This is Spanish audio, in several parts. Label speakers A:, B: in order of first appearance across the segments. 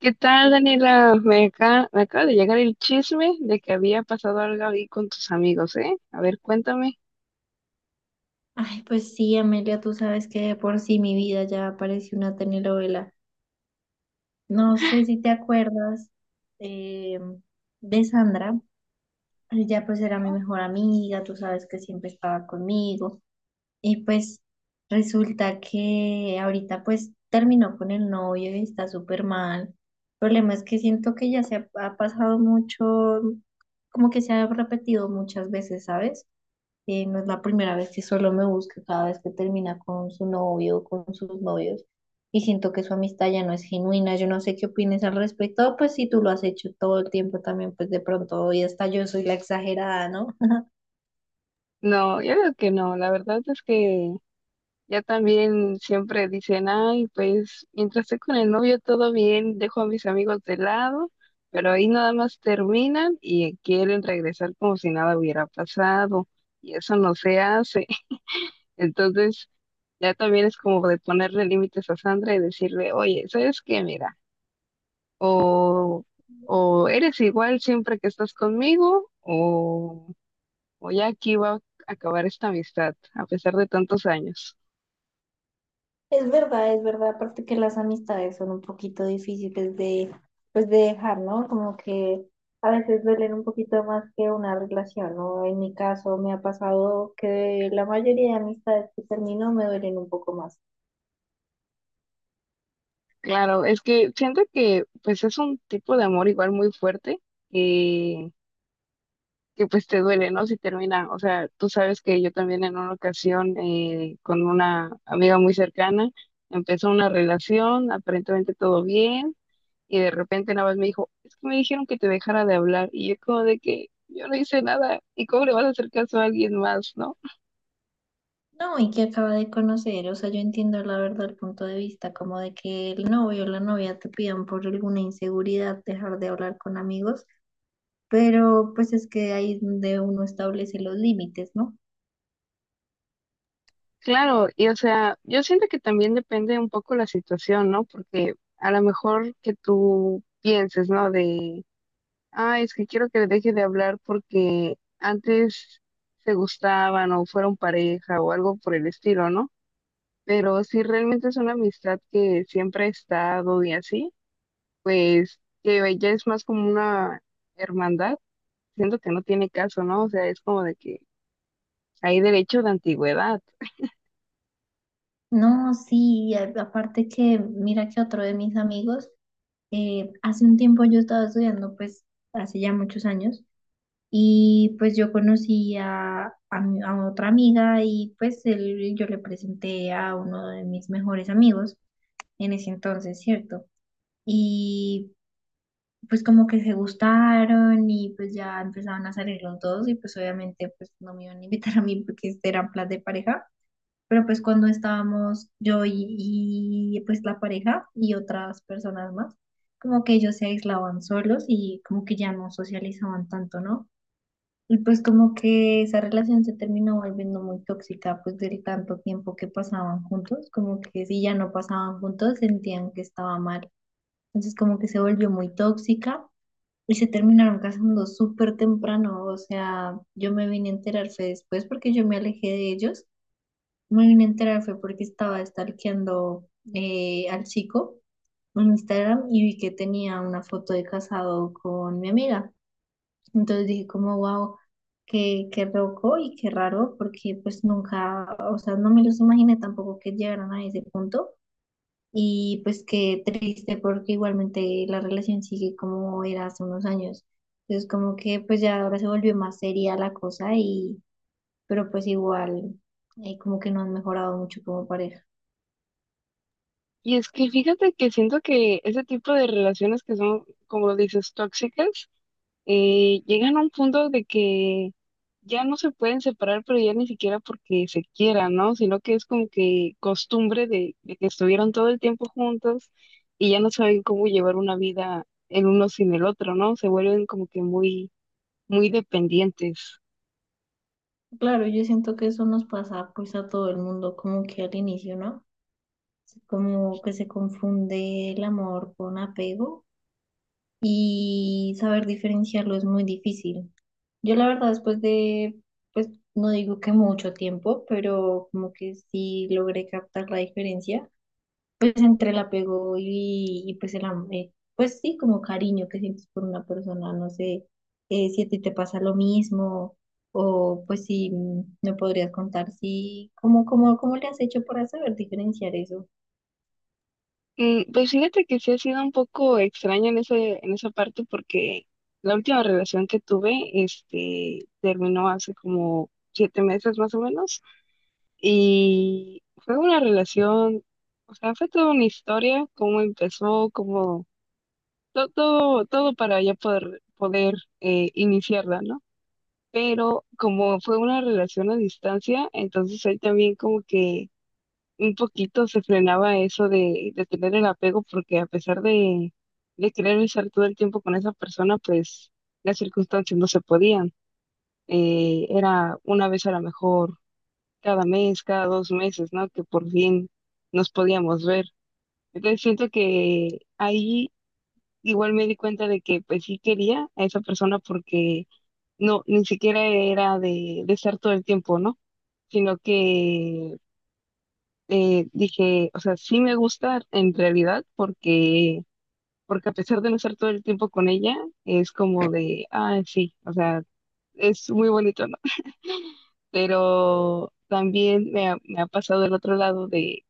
A: ¿Qué tal, Daniela? Me acaba de llegar el chisme de que había pasado algo ahí con tus amigos, ¿eh? A ver, cuéntame.
B: Ay, pues sí, Amelia, tú sabes que de por sí mi vida ya parece una telenovela. No sé si te acuerdas eh, de Sandra. Ella pues era mi mejor amiga, tú sabes que siempre estaba conmigo. Y pues resulta que ahorita pues terminó con el novio y está súper mal. El problema es que siento que ya se ha pasado mucho, como que se ha repetido muchas veces, ¿sabes? No es la primera vez que solo me busca cada vez que termina con su novio o con sus novios. Y siento que su amistad ya no es genuina. Yo no sé qué opines al respecto. Pues si tú lo has hecho todo el tiempo también, pues de pronto hoy hasta yo soy la exagerada, ¿no?
A: No, yo digo que no. La verdad es que ya también siempre dicen, ay, pues mientras esté con el novio todo bien, dejo a mis amigos de lado, pero ahí nada más terminan y quieren regresar como si nada hubiera pasado y eso no se hace. Entonces ya también es como de ponerle límites a Sandra y decirle, oye, ¿sabes qué? Mira. O, o eres igual siempre que estás conmigo, o ya aquí va a acabar esta amistad, a pesar de tantos años.
B: Es verdad, es verdad. Aparte que las amistades son un poquito difíciles de, pues de dejar, ¿no? Como que a veces duelen un poquito más que una relación, ¿no? En mi caso me ha pasado que la mayoría de amistades que termino me duelen un poco más.
A: Claro, es que siento que pues es un tipo de amor igual muy fuerte, eh, que pues te duele, ¿no? Si termina, o sea, tú sabes que yo también en una ocasión, con una amiga muy cercana empezó una relación, aparentemente todo bien. Y de repente nada más me dijo, es que me dijeron que te dejara de hablar. Y yo como de que yo no hice nada. ¿Y cómo le vas a hacer caso a alguien más, no?
B: No, y que acaba de conocer, o sea, yo entiendo la verdad el punto de vista, como de que el novio o la novia te pidan por alguna inseguridad dejar de hablar con amigos, pero pues es que ahí es donde uno establece los límites, ¿no?
A: Claro, y o sea, yo siento que también depende un poco la situación, ¿no? Porque a lo mejor que tú pienses, ¿no? De, ah, es que quiero que le deje de hablar porque antes se gustaban o fueron pareja o algo por el estilo, ¿no? Pero si realmente es una amistad que siempre ha estado y así, pues que ya es más como una hermandad, siento que no tiene caso, ¿no? O sea, es como de que hay derecho de antigüedad.
B: No, sí, aparte que mira que otro de mis amigos, hace un tiempo yo estaba estudiando, pues hace ya muchos años, y pues yo conocí a a otra amiga y yo le presenté a uno de mis mejores amigos en ese entonces, ¿cierto? Y pues como que se gustaron y pues ya empezaban a salir los dos y pues obviamente pues no me iban a invitar a mí porque este eran plan de pareja, pero pues cuando estábamos yo y pues la pareja y otras personas más, como que ellos se aislaban solos y como que ya no socializaban tanto, ¿no? Y pues como que esa relación se terminó volviendo muy tóxica pues del tanto tiempo que pasaban juntos, como que si ya no pasaban juntos sentían que estaba mal, entonces como que se volvió muy tóxica y se terminaron casando súper temprano. O sea, yo me vine a enterar fue después porque yo me alejé de ellos. Me vine a enterar fue porque estaba stalkeando al chico en Instagram y vi que tenía una foto de casado con mi amiga. Entonces dije como, wow, qué loco y qué raro porque pues nunca, o sea, no me los imaginé tampoco que llegaran a ese punto. Y pues qué triste porque igualmente la relación sigue como era hace unos años. Entonces como que pues ya ahora se volvió más seria la cosa y pero pues igual, como que no han mejorado mucho como pareja.
A: Y es que fíjate que siento que ese tipo de relaciones que son, como lo dices, tóxicas, llegan a un punto de que ya no se pueden separar, pero ya ni siquiera porque se quieran, ¿no? Sino que es como que costumbre de que estuvieron todo el tiempo juntos y ya no saben cómo llevar una vida el uno sin el otro, ¿no? Se vuelven como que muy muy dependientes.
B: Claro, yo siento que eso nos pasa pues a todo el mundo, como que al inicio, ¿no? Como que se confunde el amor con apego y saber diferenciarlo es muy difícil. Yo la verdad después de, pues no digo que mucho tiempo, pero como que sí logré captar la diferencia, pues entre el apego y pues pues sí, como cariño que sientes por una persona, no sé, si a ti te pasa lo mismo o pues si me podrías contar si, cómo le has hecho para saber diferenciar eso.
A: Mm. Pues fíjate que sí ha sido un poco extraño en esa parte porque la última relación que tuve, terminó hace como 7 meses más o menos y fue una relación, o sea, fue toda una historia, cómo empezó, cómo todo, todo, todo para ya poder iniciarla, ¿no? Pero como fue una relación a distancia, entonces ahí también como que un poquito se frenaba eso de tener el apego, porque a pesar de querer estar todo el tiempo con esa persona, pues las circunstancias no se podían. Era una vez a lo mejor cada mes, cada 2 meses, ¿no? Que por fin nos podíamos ver. Entonces siento que ahí igual me di cuenta de que pues sí quería a esa persona porque no, ni siquiera era de estar todo el tiempo, ¿no? Sino que, dije, o sea, sí me gusta en realidad, porque a pesar de no estar todo el tiempo con ella, es como de, ah, sí, o sea, es muy bonito, ¿no? Pero también me ha pasado el otro lado de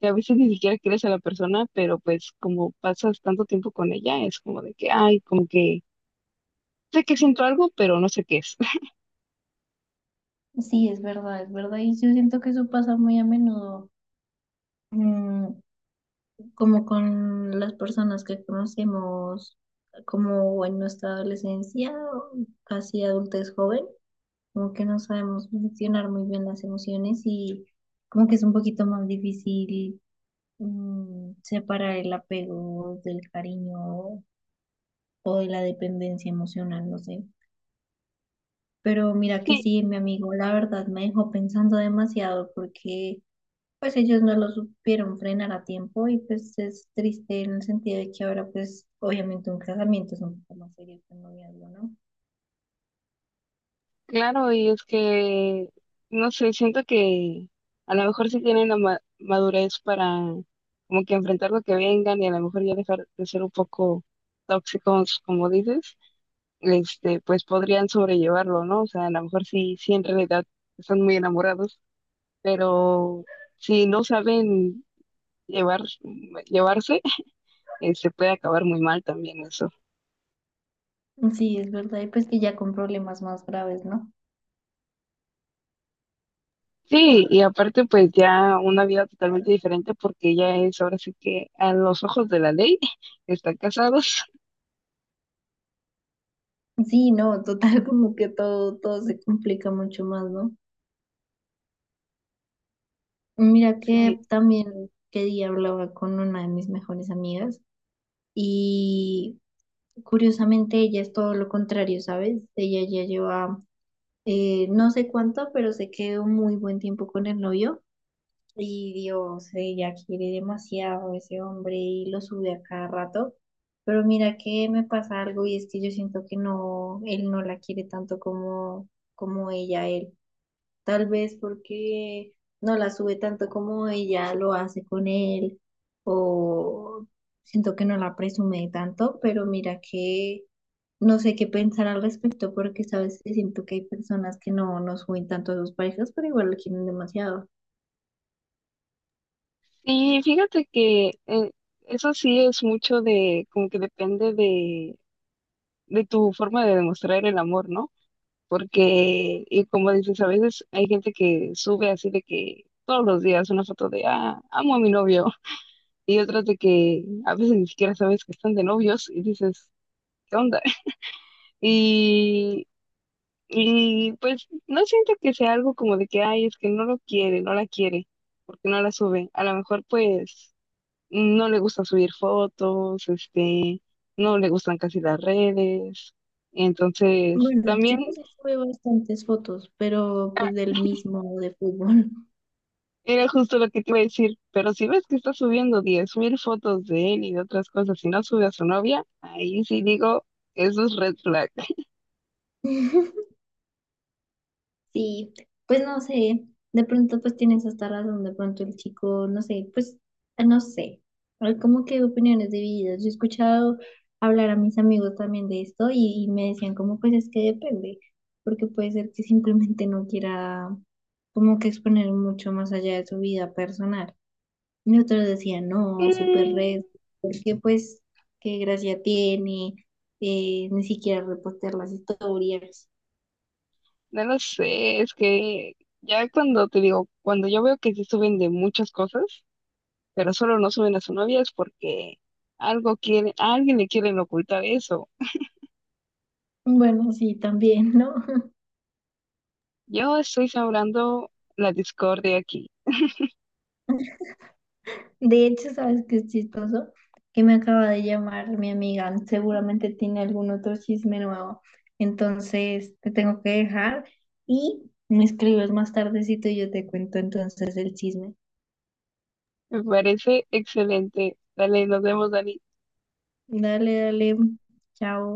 A: que a veces ni siquiera quieres a la persona, pero pues como pasas tanto tiempo con ella, es como de que, ay, como que sé que siento algo, pero no sé qué es.
B: Sí, es verdad, es verdad. Y yo siento que eso pasa muy a menudo. Mm, como con las personas que conocemos como en nuestra adolescencia, o casi adultez joven, como que no sabemos gestionar muy bien las emociones y como que es un poquito más difícil, separar el apego del cariño o de la dependencia emocional, no sé. Pero mira que sí, mi amigo, la verdad me dejó pensando demasiado porque pues ellos no lo supieron frenar a tiempo y pues es triste en el sentido de que ahora pues obviamente un casamiento es un poco más serio que un noviazgo, ¿no?
A: Claro, y es que, no sé, siento que a lo mejor sí tienen la madurez para como que enfrentar lo que vengan y a lo mejor ya dejar de ser un poco tóxicos, como dices. Pues podrían sobrellevarlo, ¿no? O sea, a lo mejor sí, sí en realidad están muy enamorados, pero si no saben llevar, llevarse, se puede acabar muy mal también eso.
B: Sí, es verdad, y pues que ya con problemas más graves, ¿no?
A: Sí, y aparte pues ya una vida totalmente diferente porque ella es ahora sí que a los ojos de la ley están casados.
B: Sí, no, total, como que todo, todo se complica mucho más, ¿no? Mira que
A: Sí,
B: también que día hablaba con una de mis mejores amigas y curiosamente ella es todo lo contrario, ¿sabes? Ella ya lleva, no sé cuánto, pero se quedó muy buen tiempo con el novio. Y Dios, ella quiere demasiado a ese hombre y lo sube a cada rato. Pero mira que me pasa algo y es que yo siento que no, él no la quiere tanto como, como ella a él. Tal vez porque no la sube tanto como ella lo hace con él o siento que no la presume tanto, pero mira que no sé qué pensar al respecto porque sabes que siento que hay personas que no, no suben tanto a sus parejas, pero igual lo quieren demasiado.
A: y fíjate que, eso sí es mucho de, como que depende de tu forma de demostrar el amor, ¿no? Porque, y como dices, a veces hay gente que sube así de que todos los días una foto de, ah, amo a mi novio, y otras de que a veces ni siquiera sabes que están de novios y dices, ¿qué onda? Y, Y pues no siento que sea algo como de que, ay, es que no lo quiere, no la quiere, porque no la sube. A lo mejor pues no le gusta subir fotos, este, no le gustan casi las redes. Entonces,
B: Bueno,
A: también,
B: sí que sí sube bastantes fotos, pero
A: ah,
B: pues del mismo de fútbol.
A: era justo lo que te iba a decir, pero si ves que está subiendo 10 mil fotos de él y de otras cosas y no sube a su novia, ahí sí digo, eso es red flag.
B: Sí, pues no sé, de pronto pues tienes hasta razón, de pronto el chico, no sé, pues ah, no sé, hay como que opiniones divididas. Yo he escuchado hablar a mis amigos también de esto y me decían como pues es que depende, porque puede ser que simplemente no quiera como que exponer mucho más allá de su vida personal. Y otros decían, no, súper
A: Mm.
B: red, porque pues, qué gracia tiene, ni siquiera repostear las historias.
A: No lo sé, es que ya cuando te digo, cuando yo veo que sí suben de muchas cosas, pero solo no suben a su novia es porque algo quiere, a alguien le quieren ocultar eso.
B: Bueno, sí, también, ¿no?
A: Yo estoy sembrando la discordia aquí.
B: De hecho, ¿sabes qué es chistoso? Que me acaba de llamar mi amiga, seguramente tiene algún otro chisme nuevo. Entonces, te tengo que dejar y me escribes más tardecito y yo te cuento entonces el chisme.
A: Me parece excelente. Dale, nos vemos, Dani.
B: Dale, dale, chao.